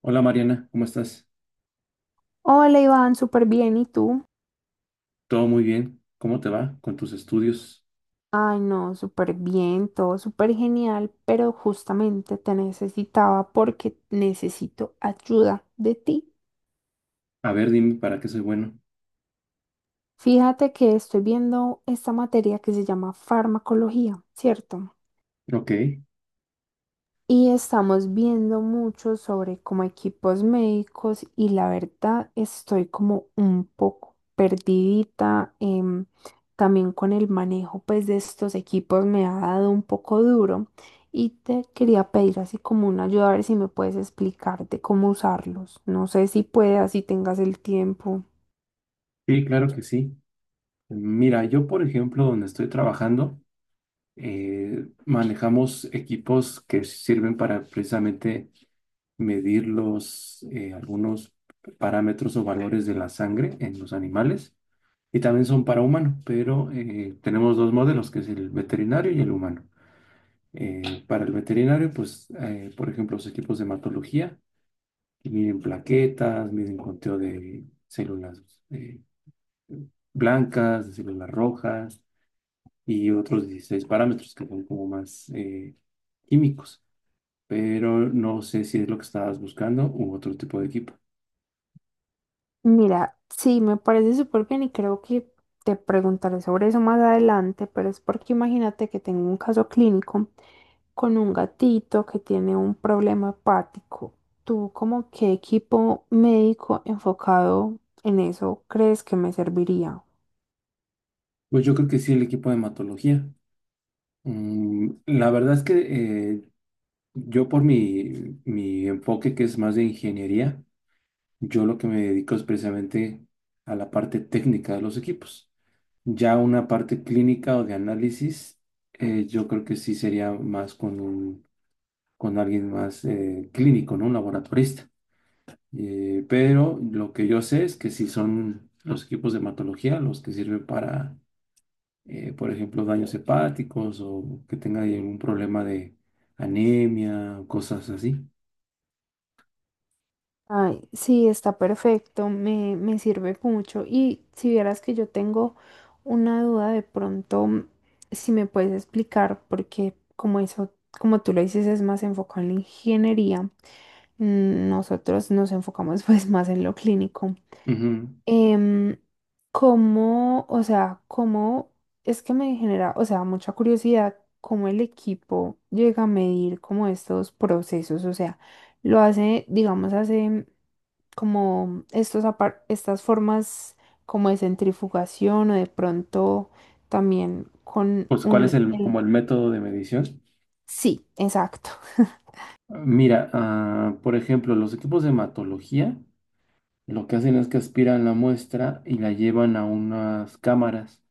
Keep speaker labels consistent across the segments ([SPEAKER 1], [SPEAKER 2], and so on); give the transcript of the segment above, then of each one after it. [SPEAKER 1] Hola Mariana, ¿cómo estás?
[SPEAKER 2] Hola Iván, súper bien. ¿Y tú?
[SPEAKER 1] Todo muy bien. ¿Cómo te va con tus estudios?
[SPEAKER 2] Ay, no, súper bien, todo súper genial, pero justamente te necesitaba porque necesito ayuda de ti.
[SPEAKER 1] A ver, dime para qué soy bueno.
[SPEAKER 2] Fíjate que estoy viendo esta materia que se llama farmacología, ¿cierto?
[SPEAKER 1] Ok,
[SPEAKER 2] Y estamos viendo mucho sobre como equipos médicos y la verdad estoy como un poco perdidita. También con el manejo pues de estos equipos me ha dado un poco duro y te quería pedir así como una ayuda a ver si me puedes explicar de cómo usarlos. No sé si puedas, si tengas el tiempo.
[SPEAKER 1] sí, claro que sí. Mira, yo por ejemplo, donde estoy trabajando, manejamos equipos que sirven para precisamente medir algunos parámetros o valores de la sangre en los animales y también son para humano, pero tenemos dos modelos, que es el veterinario y el humano. Para el veterinario, por ejemplo, los equipos de hematología que miden plaquetas, miden conteo de células eh, blancas, de células rojas y otros 16 parámetros que son como más químicos. Pero no sé si es lo que estabas buscando u otro tipo de equipo.
[SPEAKER 2] Mira, sí, me parece súper bien y creo que te preguntaré sobre eso más adelante, pero es porque imagínate que tengo un caso clínico con un gatito que tiene un problema hepático. ¿Tú como qué equipo médico enfocado en eso crees que me serviría?
[SPEAKER 1] Pues yo creo que sí, el equipo de hematología. Mm, la verdad es que yo por mi enfoque que es más de ingeniería, yo lo que me dedico es precisamente a la parte técnica de los equipos. Ya una parte clínica o de análisis, yo creo que sí sería más con alguien más clínico, ¿no? Un laboratorista. Pero lo que yo sé es que sí son los equipos de hematología los que sirven para, por ejemplo, daños hepáticos o que tenga ahí algún problema de anemia, cosas así.
[SPEAKER 2] Ay, sí, está perfecto, me sirve mucho. Y si vieras que yo tengo una duda, de pronto, si me puedes explicar, porque como eso, como tú lo dices, es más enfocado en la ingeniería, mm, nosotros nos enfocamos pues más en lo clínico.
[SPEAKER 1] Ujú.
[SPEAKER 2] Em, ¿Cómo, o sea, cómo es que me genera, o sea, mucha curiosidad, cómo el equipo llega a medir como estos procesos? O sea, lo hace, digamos, hace como estas formas como de centrifugación o de pronto también con
[SPEAKER 1] Pues,
[SPEAKER 2] un...
[SPEAKER 1] ¿cuál es
[SPEAKER 2] el-
[SPEAKER 1] como el método de medición?
[SPEAKER 2] Sí, exacto.
[SPEAKER 1] Mira, por ejemplo, los equipos de hematología. Lo que hacen es que aspiran la muestra y la llevan a unas cámaras.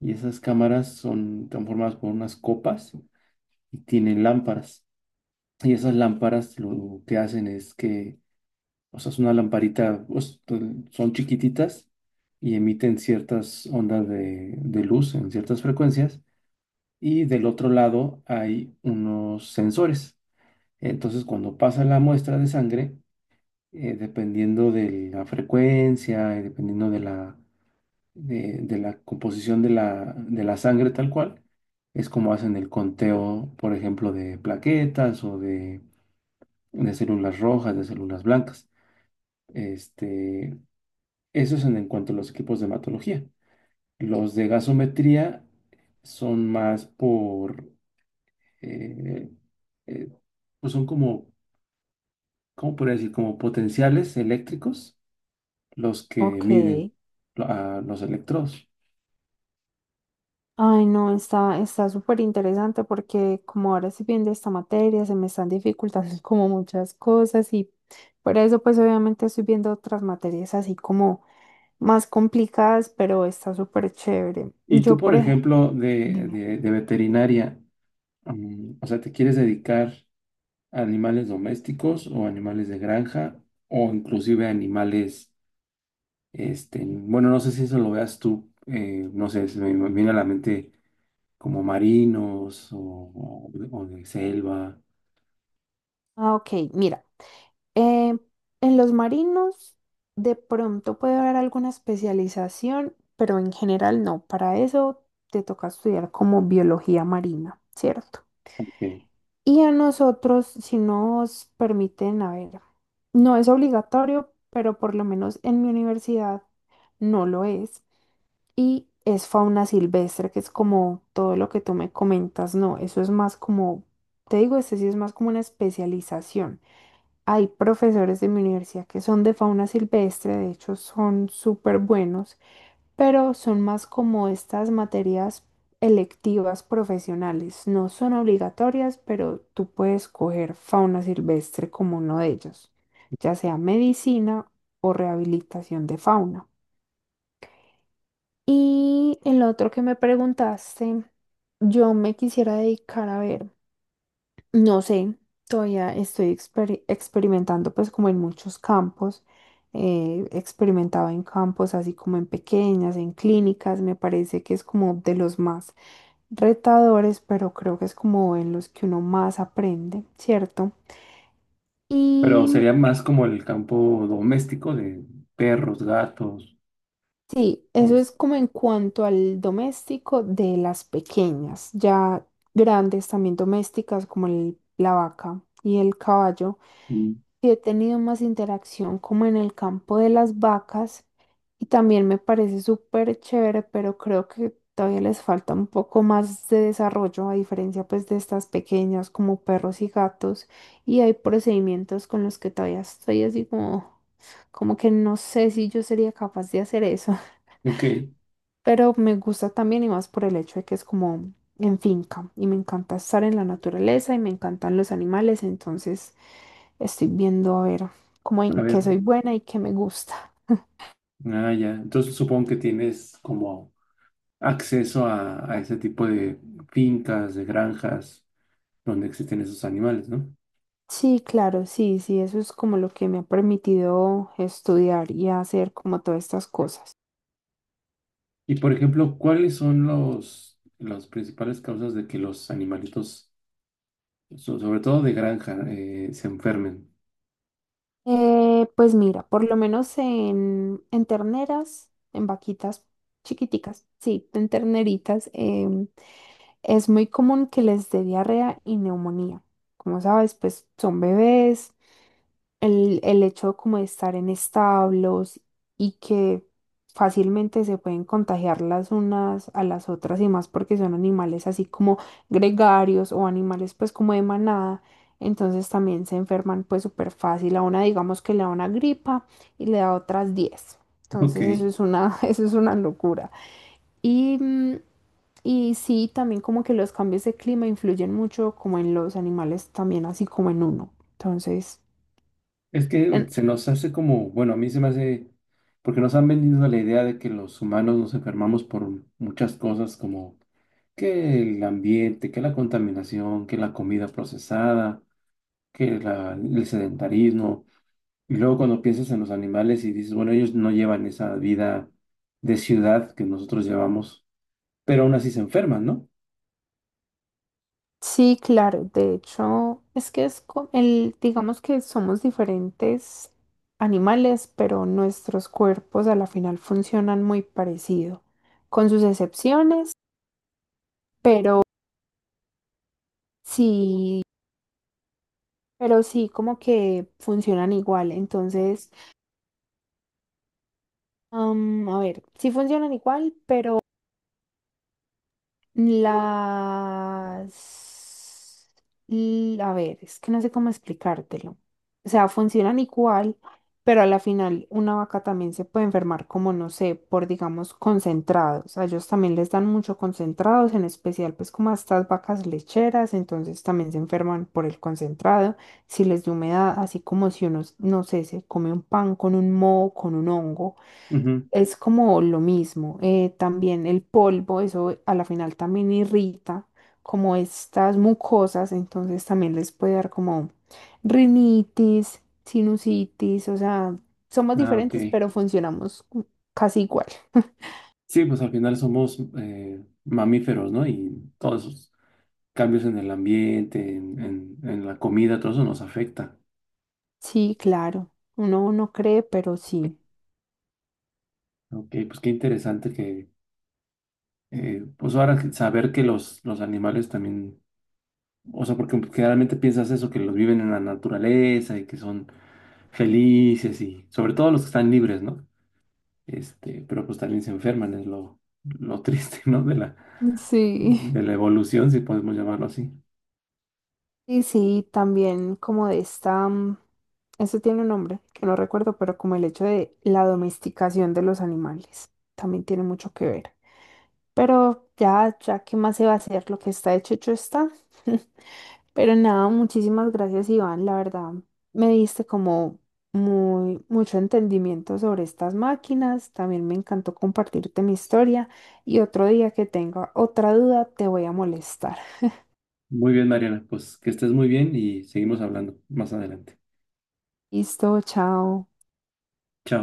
[SPEAKER 1] Y esas cámaras son transformadas por unas copas y tienen lámparas. Y esas lámparas lo que hacen es que, o sea, es una lamparita, pues, son chiquititas y emiten ciertas ondas de luz en ciertas frecuencias. Y del otro lado hay unos sensores. Entonces, cuando pasa la muestra de sangre, dependiendo de la frecuencia y dependiendo de la de la composición de de la sangre tal cual. Es como hacen el conteo, por ejemplo, de plaquetas de células rojas, de células blancas. Este, eso es en cuanto a los equipos de hematología. Los de gasometría son más por, eh, eh, pues son como, ¿cómo podría decir? Como potenciales eléctricos los que
[SPEAKER 2] Ok.
[SPEAKER 1] miden a los electrodos.
[SPEAKER 2] Ay, no, está súper interesante porque como ahora estoy viendo esta materia, se me están dificultando como muchas cosas y por eso pues obviamente estoy viendo otras materias así como más complicadas, pero está súper chévere.
[SPEAKER 1] Y tú,
[SPEAKER 2] Yo
[SPEAKER 1] por
[SPEAKER 2] por ejemplo,
[SPEAKER 1] ejemplo,
[SPEAKER 2] dime.
[SPEAKER 1] de veterinaria, o sea, ¿te quieres dedicar a animales domésticos o animales de granja o inclusive a animales, este, bueno, no sé si eso lo veas tú, no sé, se me viene a la mente como marinos o de selva,
[SPEAKER 2] Ah, ok, mira. Eh, en los marinos de pronto puede haber alguna especialización, pero en general no. Para eso te toca estudiar como biología marina, ¿cierto?
[SPEAKER 1] ok.
[SPEAKER 2] Y a nosotros, si nos permiten, a ver, no es obligatorio, pero por lo menos en mi universidad no lo es. Y es fauna silvestre, que es como todo lo que tú me comentas, no, eso es más como, te digo, este sí es más como una especialización. Hay profesores de mi universidad que son de fauna silvestre, de hecho son súper buenos, pero son más como estas materias electivas profesionales. No son obligatorias, pero tú puedes coger fauna silvestre como uno de ellos, ya sea medicina o rehabilitación de fauna. Y el otro que me preguntaste, yo me quisiera dedicar a ver. No sé, todavía estoy experimentando pues como en muchos campos. He experimentado en campos así como en pequeñas, en clínicas, me parece que es como de los más retadores, pero creo que es como en los que uno más aprende, ¿cierto?
[SPEAKER 1] Pero
[SPEAKER 2] Y
[SPEAKER 1] sería más como el campo doméstico de perros, gatos,
[SPEAKER 2] sí, eso
[SPEAKER 1] este,
[SPEAKER 2] es como en cuanto al doméstico de las pequeñas, ya grandes también domésticas como la vaca y el caballo.
[SPEAKER 1] Mm.
[SPEAKER 2] Sí he tenido más interacción como en el campo de las vacas y también me parece súper chévere, pero creo que todavía les falta un poco más de desarrollo a diferencia pues de estas pequeñas como perros y gatos y hay procedimientos con los que todavía estoy así como, como que no sé si yo sería capaz de hacer eso.
[SPEAKER 1] Ok,
[SPEAKER 2] Pero me gusta también y más por el hecho de que es como en finca y me encanta estar en la naturaleza y me encantan los animales, entonces estoy viendo a ver cómo
[SPEAKER 1] a
[SPEAKER 2] en qué
[SPEAKER 1] ver,
[SPEAKER 2] soy buena y qué me gusta.
[SPEAKER 1] ya, entonces supongo que tienes como... acceso a ese tipo de fincas, de granjas donde existen esos animales, ¿no?
[SPEAKER 2] Sí, claro, sí, sí, eso es como lo que me ha permitido estudiar y hacer como todas estas cosas.
[SPEAKER 1] Y por ejemplo, ¿cuáles son las principales causas de que los animalitos, sobre todo de granja, se enfermen?
[SPEAKER 2] Pues mira, por lo menos en terneras, en vaquitas chiquiticas, sí, en terneritas, es muy común que les dé diarrea y neumonía. Como sabes, pues son bebés. El hecho como de estar en establos y que fácilmente se pueden contagiar las unas a las otras y más porque son animales así como gregarios o animales pues como de manada. Entonces también se enferman pues súper fácil. A una digamos que le da una gripa y le da otras 10.
[SPEAKER 1] Ok,
[SPEAKER 2] Entonces eso es una, eso es una locura. Y mm, y sí, también como que los cambios de clima influyen mucho como en los animales también, así como en uno. Entonces,
[SPEAKER 1] es que
[SPEAKER 2] en-
[SPEAKER 1] se nos hace como, bueno, a mí se me hace, porque nos han vendido la idea de que los humanos nos enfermamos por muchas cosas como que el ambiente, que la contaminación, que la comida procesada, el sedentarismo. Y luego cuando piensas en los animales y dices, bueno, ellos no llevan esa vida de ciudad que nosotros llevamos, pero aún así se enferman, ¿no?
[SPEAKER 2] sí, claro, de hecho, es que el, digamos que somos diferentes animales, pero nuestros cuerpos a la final funcionan muy parecido, con sus excepciones, pero sí, pero sí como que funcionan igual. Entonces, a ver, sí funcionan igual, pero las... A ver, es que no sé cómo explicártelo. O sea, funcionan igual, pero a la final una vaca también se puede enfermar como, no sé, por, digamos, concentrados. A ellos también les dan mucho concentrados, en especial pues como a estas vacas lecheras, entonces también se enferman por el concentrado, si les da humedad, así como si uno, no sé, se come un pan con un moho, con un hongo
[SPEAKER 1] Ujú.
[SPEAKER 2] es como lo mismo. Eh, también el polvo, eso a la final también irrita como estas mucosas, entonces también les puede dar como rinitis, sinusitis, o sea, somos
[SPEAKER 1] Ah, ok.
[SPEAKER 2] diferentes, pero funcionamos casi igual.
[SPEAKER 1] Sí, pues al final somos mamíferos, ¿no? Y todos esos cambios en el ambiente, en la comida, todo eso nos afecta.
[SPEAKER 2] Sí, claro, uno no cree, pero sí.
[SPEAKER 1] Ok, pues qué interesante que, pues saber que los animales también, o sea, porque generalmente piensas eso, que los viven en la naturaleza y que son felices y sobre todo los que están libres, ¿no? Este, pero pues también se enferman, es lo triste, ¿no? De
[SPEAKER 2] Sí.
[SPEAKER 1] de la evolución, si podemos llamarlo así.
[SPEAKER 2] Y sí, también como de esta, mm, eso tiene un nombre que no recuerdo, pero como el hecho de la domesticación de los animales, también tiene mucho que ver. Pero ya, ya, ¿qué más se va a hacer? Lo que está hecho, hecho está. Pero nada, muchísimas gracias, Iván. La verdad, me diste como mucho entendimiento sobre estas máquinas. También me encantó compartirte mi historia. Y otro día que tenga otra duda, te voy a molestar.
[SPEAKER 1] Muy bien, Mariana, pues que estés muy bien y seguimos hablando más adelante.
[SPEAKER 2] Listo, chao.
[SPEAKER 1] Chao.